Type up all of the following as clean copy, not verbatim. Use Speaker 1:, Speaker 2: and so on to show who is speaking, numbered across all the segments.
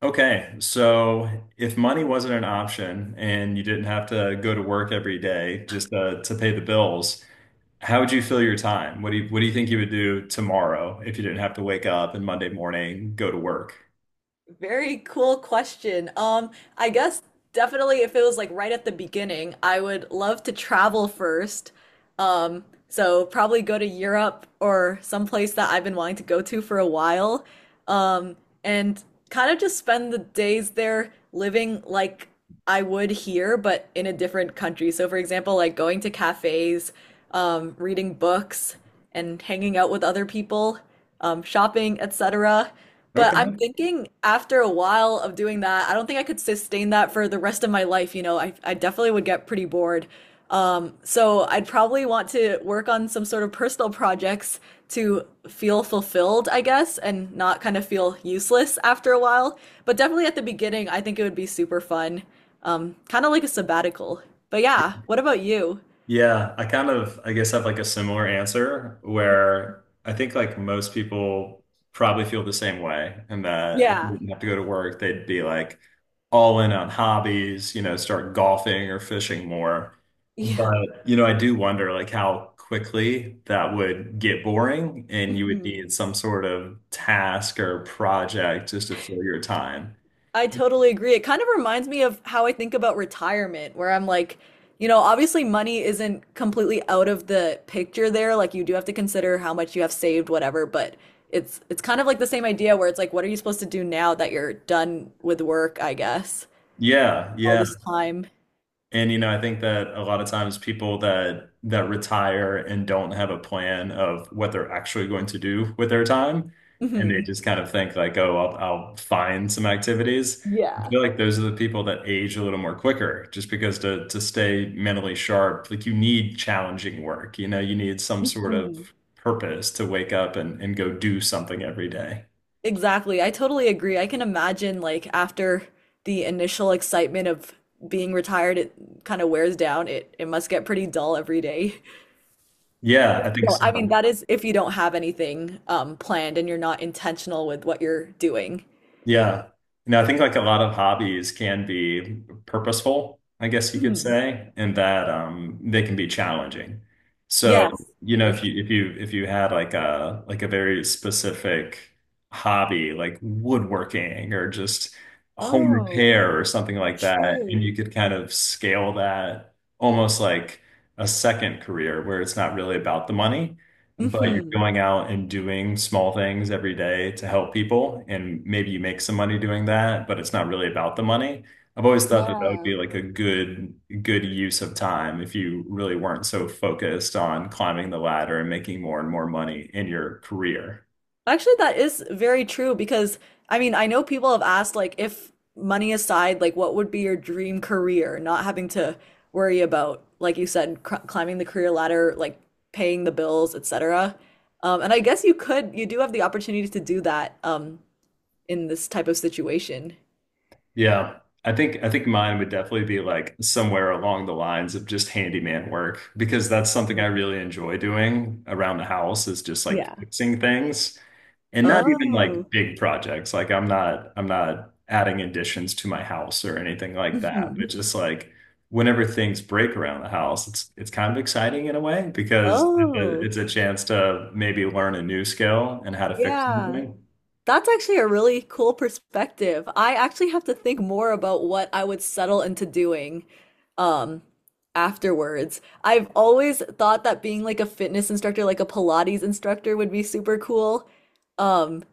Speaker 1: Okay, so if money wasn't an option and you didn't have to go to work every day just to pay the bills, how would you fill your time? What do you think you would do tomorrow if you didn't have to wake up and Monday morning go to work?
Speaker 2: Very cool question. I guess definitely if it was like right at the beginning, I would love to travel first. So probably go to Europe or someplace that I've been wanting to go to for a while. Um, and kind of just spend the days there living like I would here, but in a different country. So for example, like going to cafes, reading books and hanging out with other people, shopping, etc. But I'm
Speaker 1: Okay.
Speaker 2: thinking after a while of doing that, I don't think I could sustain that for the rest of my life. You know, I definitely would get pretty bored. So I'd probably want to work on some sort of personal projects to feel fulfilled, I guess, and not kind of feel useless after a while. But definitely at the beginning, I think it would be super fun. Kind of like a sabbatical. But yeah, what about you?
Speaker 1: Yeah, I kind of, I guess, have like a similar answer where I think like most people probably feel the same way, and that if they
Speaker 2: Yeah.
Speaker 1: didn't have to go to work, they'd be like all in on hobbies, you know, start golfing or fishing more.
Speaker 2: Yeah.
Speaker 1: But, you know, I do wonder like how quickly that would get boring and you would need some sort of task or project just to fill your time.
Speaker 2: I totally agree. It kind of reminds me of how I think about retirement, where I'm like, you know, obviously money isn't completely out of the picture there. Like you do have to consider how much you have saved, whatever, but it's kind of like the same idea where it's like, what are you supposed to do now that you're done with work, I guess,
Speaker 1: Yeah,
Speaker 2: all
Speaker 1: yeah.
Speaker 2: this time?
Speaker 1: And you know, I think that a lot of times people that retire and don't have a plan of what they're actually going to do with their time, and they
Speaker 2: hmm
Speaker 1: just kind of think like, oh, I'll find some activities. I
Speaker 2: Yeah.
Speaker 1: feel like those are the people that age a little more quicker, just because to stay mentally sharp, like you need challenging work. You know, you need some sort of
Speaker 2: hmm
Speaker 1: purpose to wake up and go do something every day.
Speaker 2: Exactly. I totally agree. I can imagine like after the initial excitement of being retired, it kind of wears down. It must get pretty dull every day.
Speaker 1: Yeah, I
Speaker 2: You
Speaker 1: think
Speaker 2: know, I mean,
Speaker 1: so.
Speaker 2: that is if you don't have anything planned and you're not intentional with what you're doing.
Speaker 1: Yeah. You know, I think like a lot of hobbies can be purposeful, I guess you could
Speaker 2: Mhm.
Speaker 1: say, and that they can be challenging. So,
Speaker 2: Yes,
Speaker 1: you know,
Speaker 2: for
Speaker 1: if
Speaker 2: sure.
Speaker 1: you if you if you had like a very specific hobby like woodworking or just home
Speaker 2: Oh,
Speaker 1: repair or something like that, and you
Speaker 2: true.
Speaker 1: could kind of scale that almost like a second career where it's not really about the money but you're
Speaker 2: hmm
Speaker 1: going out and doing small things every day to help people, and maybe you make some money doing that, but it's not really about the money. I've always thought that that would
Speaker 2: Yeah.
Speaker 1: be like a good use of time if you really weren't so focused on climbing the ladder and making more and more money in your career.
Speaker 2: Actually, that is very true because I mean, I know people have asked like if money aside, like what would be your dream career, not having to worry about, like you said, cr climbing the career ladder, like paying the bills, etc. And I guess you do have the opportunity to do that in this type of situation.
Speaker 1: Yeah. I think mine would definitely be like somewhere along the lines of just handyman work because that's something I
Speaker 2: Mhm.
Speaker 1: really enjoy doing around the house is just like
Speaker 2: Yeah.
Speaker 1: fixing things and not even like
Speaker 2: Oh.
Speaker 1: big projects. Like I'm not adding additions to my house or anything like that, but
Speaker 2: Mhm.
Speaker 1: just like whenever things break around the house, it's kind of exciting in a way because
Speaker 2: Oh.
Speaker 1: it's a chance to maybe learn a new skill and how to fix
Speaker 2: Yeah.
Speaker 1: something.
Speaker 2: That's actually a really cool perspective. I actually have to think more about what I would settle into doing um afterwards. I've always thought that being like a fitness instructor, like a Pilates instructor would be super cool. Um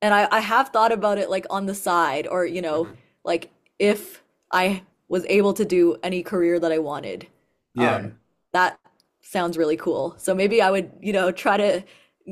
Speaker 2: And I have thought about it like on the side, or, you know, Mhm. like if I was able to do any career that I wanted,
Speaker 1: Yeah.
Speaker 2: um, that sounds really cool. So maybe I would, you know, try to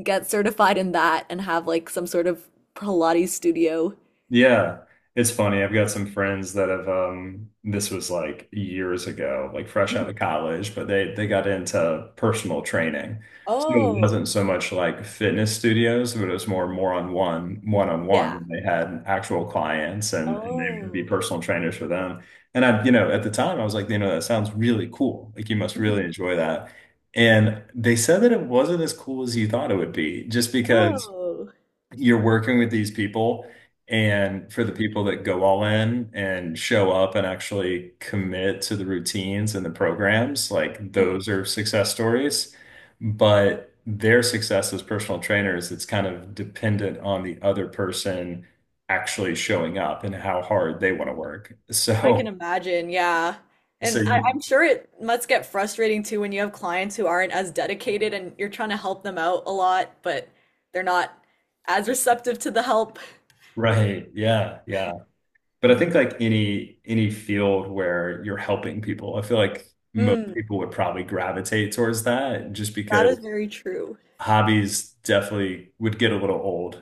Speaker 2: get certified in that and have like some sort of Pilates studio.
Speaker 1: Yeah, it's funny. I've got some friends that have this was like years ago, like fresh out of college, but they got into personal training. So it
Speaker 2: Oh,
Speaker 1: wasn't so much like fitness studios, but it was more on one on
Speaker 2: yeah.
Speaker 1: one. They had actual clients and, they would be
Speaker 2: Oh.
Speaker 1: personal trainers for them. And I, you know, at the time I was like, you know, that sounds really cool. Like you must really enjoy that. And they said that it wasn't as cool as you thought it would be, just Mm. because
Speaker 2: Oh.
Speaker 1: you're working with these people and for the people that go all in and show up and actually commit to the routines and the programs like
Speaker 2: Hmm.
Speaker 1: those are success stories but their success as personal trainers it's kind of dependent on the other person actually showing up and how hard they want to work
Speaker 2: I can
Speaker 1: so
Speaker 2: imagine, yeah.
Speaker 1: so
Speaker 2: And I,
Speaker 1: you,
Speaker 2: I'm sure it must get frustrating too when you have clients who aren't as dedicated and you're trying to help them out a lot, but they're not as receptive to the help.
Speaker 1: right, yeah, yeah. But I
Speaker 2: Mhm.
Speaker 1: think like any field where you're helping people, I feel like most
Speaker 2: Mm,
Speaker 1: people would probably gravitate towards that just
Speaker 2: that is
Speaker 1: because
Speaker 2: very true.
Speaker 1: hobbies definitely would get a little old.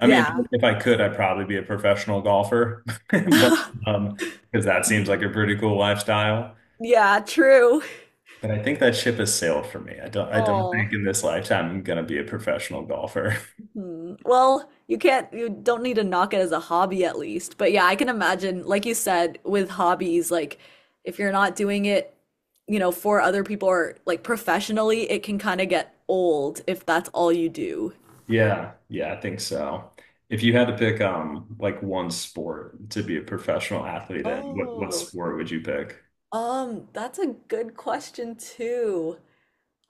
Speaker 1: I mean,
Speaker 2: Yeah.
Speaker 1: if I could, I'd probably be a professional golfer, but um, because that seems like
Speaker 2: Mhm.
Speaker 1: a pretty cool lifestyle.
Speaker 2: Yeah, true.
Speaker 1: But I think that ship has sailed for me. I don't
Speaker 2: Oh,
Speaker 1: think in this lifetime I'm gonna be a professional golfer.
Speaker 2: Hmm. Well, you don't need to knock it as a hobby at least. But yeah, I can imagine, like you said, with hobbies, like if you're not doing it, you know, for other people or like professionally, it can kind of get old if that's all you do.
Speaker 1: Yeah, yeah, I think so. If you had to pick like one sport to be a professional athlete in, what
Speaker 2: Oh,
Speaker 1: sport would you pick?
Speaker 2: that's a good question too.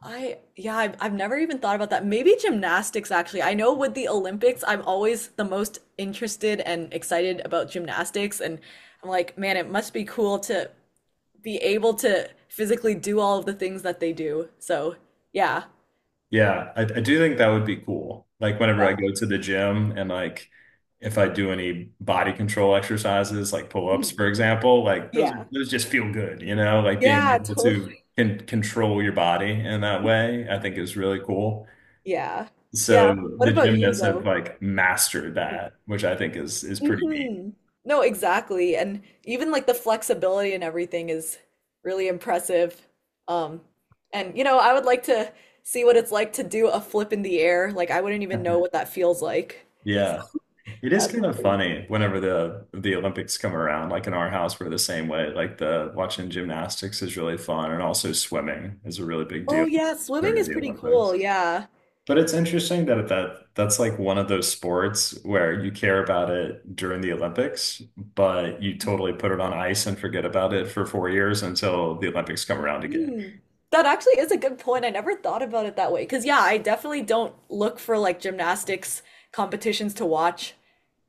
Speaker 2: Yeah, I've never even thought about that. Maybe gymnastics, actually. I know with the Olympics, I'm always the most interested and excited about gymnastics. And I'm like, man, it must be cool to be able to physically do all of the things that they do. So, yeah.
Speaker 1: Yeah, I do think that would be cool. Like whenever I
Speaker 2: Yeah.
Speaker 1: go to the gym and like if I do any body control exercises, like pull-ups, for
Speaker 2: Mhm.
Speaker 1: example, like those
Speaker 2: Yeah.
Speaker 1: are those just feel good, you know, like being
Speaker 2: Yeah,
Speaker 1: able to
Speaker 2: totally.
Speaker 1: can control your body in that way, I think is really cool.
Speaker 2: Yeah. Yeah.
Speaker 1: So
Speaker 2: What
Speaker 1: the
Speaker 2: about you
Speaker 1: gymnasts have
Speaker 2: though?
Speaker 1: like mastered that, which I think is pretty neat.
Speaker 2: hmm No, exactly. And even like the flexibility and everything is really impressive. Um, and you know, I would like to see what it's like to do a flip in the air. Like I wouldn't even know what that feels like. So,
Speaker 1: Yeah. It is
Speaker 2: that'd be
Speaker 1: kind of
Speaker 2: pretty cool.
Speaker 1: funny whenever the Olympics come around. Like in our house, we're the same way. Like the watching gymnastics is really fun, and also swimming is a really big
Speaker 2: Oh
Speaker 1: deal
Speaker 2: yeah, swimming
Speaker 1: during
Speaker 2: is
Speaker 1: the
Speaker 2: pretty cool.
Speaker 1: Olympics.
Speaker 2: Yeah.
Speaker 1: But it's interesting that that's like one of those sports where you care about it during the Olympics, but you totally put it on ice and forget about it for 4 years until the Olympics come around again.
Speaker 2: Hmm. That actually is a good point. I never thought about it that way. Because, yeah, I definitely don't look for like gymnastics competitions to watch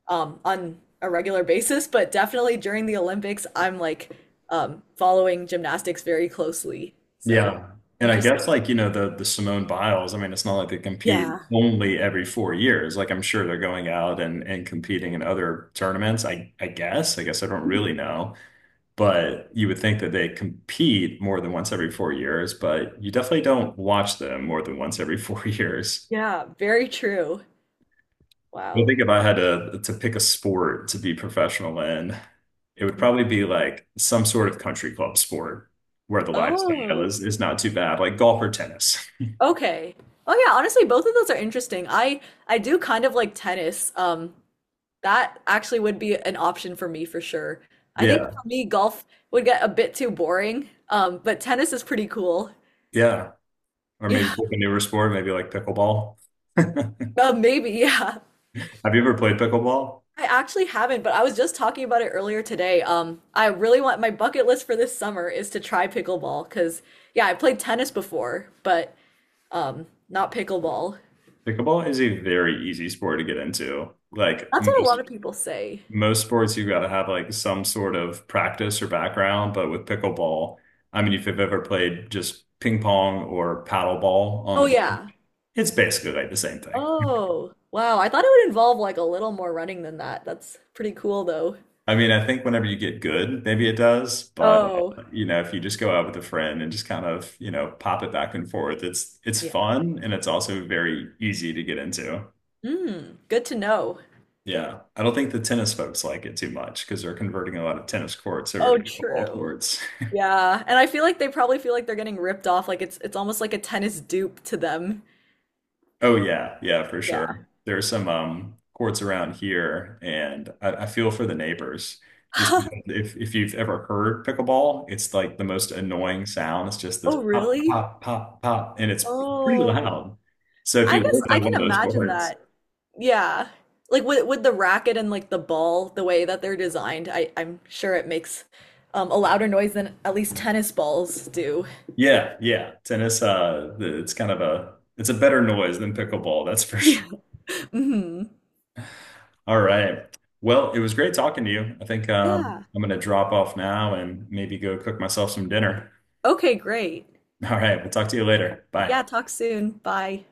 Speaker 2: on a regular basis, but definitely during the Olympics, I'm like following gymnastics very closely. So
Speaker 1: Yeah. And I guess
Speaker 2: interesting.
Speaker 1: like, you know, the Simone Biles, I mean, it's not like they compete
Speaker 2: Yeah.
Speaker 1: only every 4 years. Like I'm sure they're going out and competing in other tournaments. I guess. I guess I don't really know. But you would think that they compete more than once every 4 years, but you definitely don't watch them more than once every four years.
Speaker 2: Yeah. Very true.
Speaker 1: I
Speaker 2: Wow.
Speaker 1: think if I had to pick a sport to be professional in, it would probably
Speaker 2: Mm-hmm.
Speaker 1: be like some sort of country club sport where the lifestyle
Speaker 2: Oh,
Speaker 1: is not too bad, like golf or tennis.
Speaker 2: okay. Oh yeah, honestly, both of those are interesting. I do kind of like tennis. That actually would be an option for me for sure. I think
Speaker 1: Yeah.
Speaker 2: for me, golf would get a bit too boring, but tennis is pretty cool.
Speaker 1: Yeah. Or maybe
Speaker 2: Yeah,
Speaker 1: pick a newer sport, maybe like pickleball. Have
Speaker 2: maybe, yeah.
Speaker 1: you ever played pickleball?
Speaker 2: I actually haven't, but I was just talking about it earlier today. I really want my bucket list for this summer is to try pickleball because, yeah, I played tennis before, but not pickleball.
Speaker 1: Pickleball is a very easy sport to get into. Like
Speaker 2: That's what a lot of people say.
Speaker 1: most sports, you've got to have like some sort of practice or background, but with pickleball, I mean, if you've ever played just ping pong or paddle ball on
Speaker 2: Oh,
Speaker 1: the beach,
Speaker 2: yeah.
Speaker 1: it's basically like the same thing.
Speaker 2: Oh, wow. I thought it would involve like a little more running than that. That's pretty cool, though.
Speaker 1: I mean, I think whenever you get good, maybe it does, but yeah,
Speaker 2: Oh,
Speaker 1: you know, if you just go out with a friend and just kind of, you know, pop it back and forth, it's
Speaker 2: yeah.
Speaker 1: fun and it's also very easy to get into.
Speaker 2: Mm, good to know.
Speaker 1: Yeah. I don't think the tennis folks like it too much because they're converting a lot of tennis courts over to
Speaker 2: Oh,
Speaker 1: pickleball
Speaker 2: true.
Speaker 1: courts.
Speaker 2: Yeah. And I feel like they probably feel like they're getting ripped off. Like it's almost like a tennis dupe to them.
Speaker 1: Oh yeah, yeah, for sure.
Speaker 2: Yeah.
Speaker 1: There's some courts around here, and I feel for the neighbors. Just because if you've ever heard pickleball, it's like the most annoying sound. It's just this
Speaker 2: Oh,
Speaker 1: pop,
Speaker 2: really?
Speaker 1: pop, pop, pop, and it's pretty
Speaker 2: Oh,
Speaker 1: loud. So if
Speaker 2: I
Speaker 1: you
Speaker 2: guess
Speaker 1: live by
Speaker 2: I
Speaker 1: one
Speaker 2: can
Speaker 1: of those
Speaker 2: imagine
Speaker 1: courts,
Speaker 2: that. Yeah. Like with the racket and like the ball, the way that they're designed, I'm sure it makes a louder noise than at least tennis balls do.
Speaker 1: yeah, yeah, tennis, it's kind of a it's a better noise than pickleball, that's for sure.
Speaker 2: Yeah. hmm
Speaker 1: All right. Well, it was great talking to you. I think
Speaker 2: Yeah.
Speaker 1: I'm gonna drop off now and maybe go cook myself some dinner.
Speaker 2: Okay, great.
Speaker 1: All right. We'll talk to you later. Bye.
Speaker 2: Yeah, talk soon. Bye.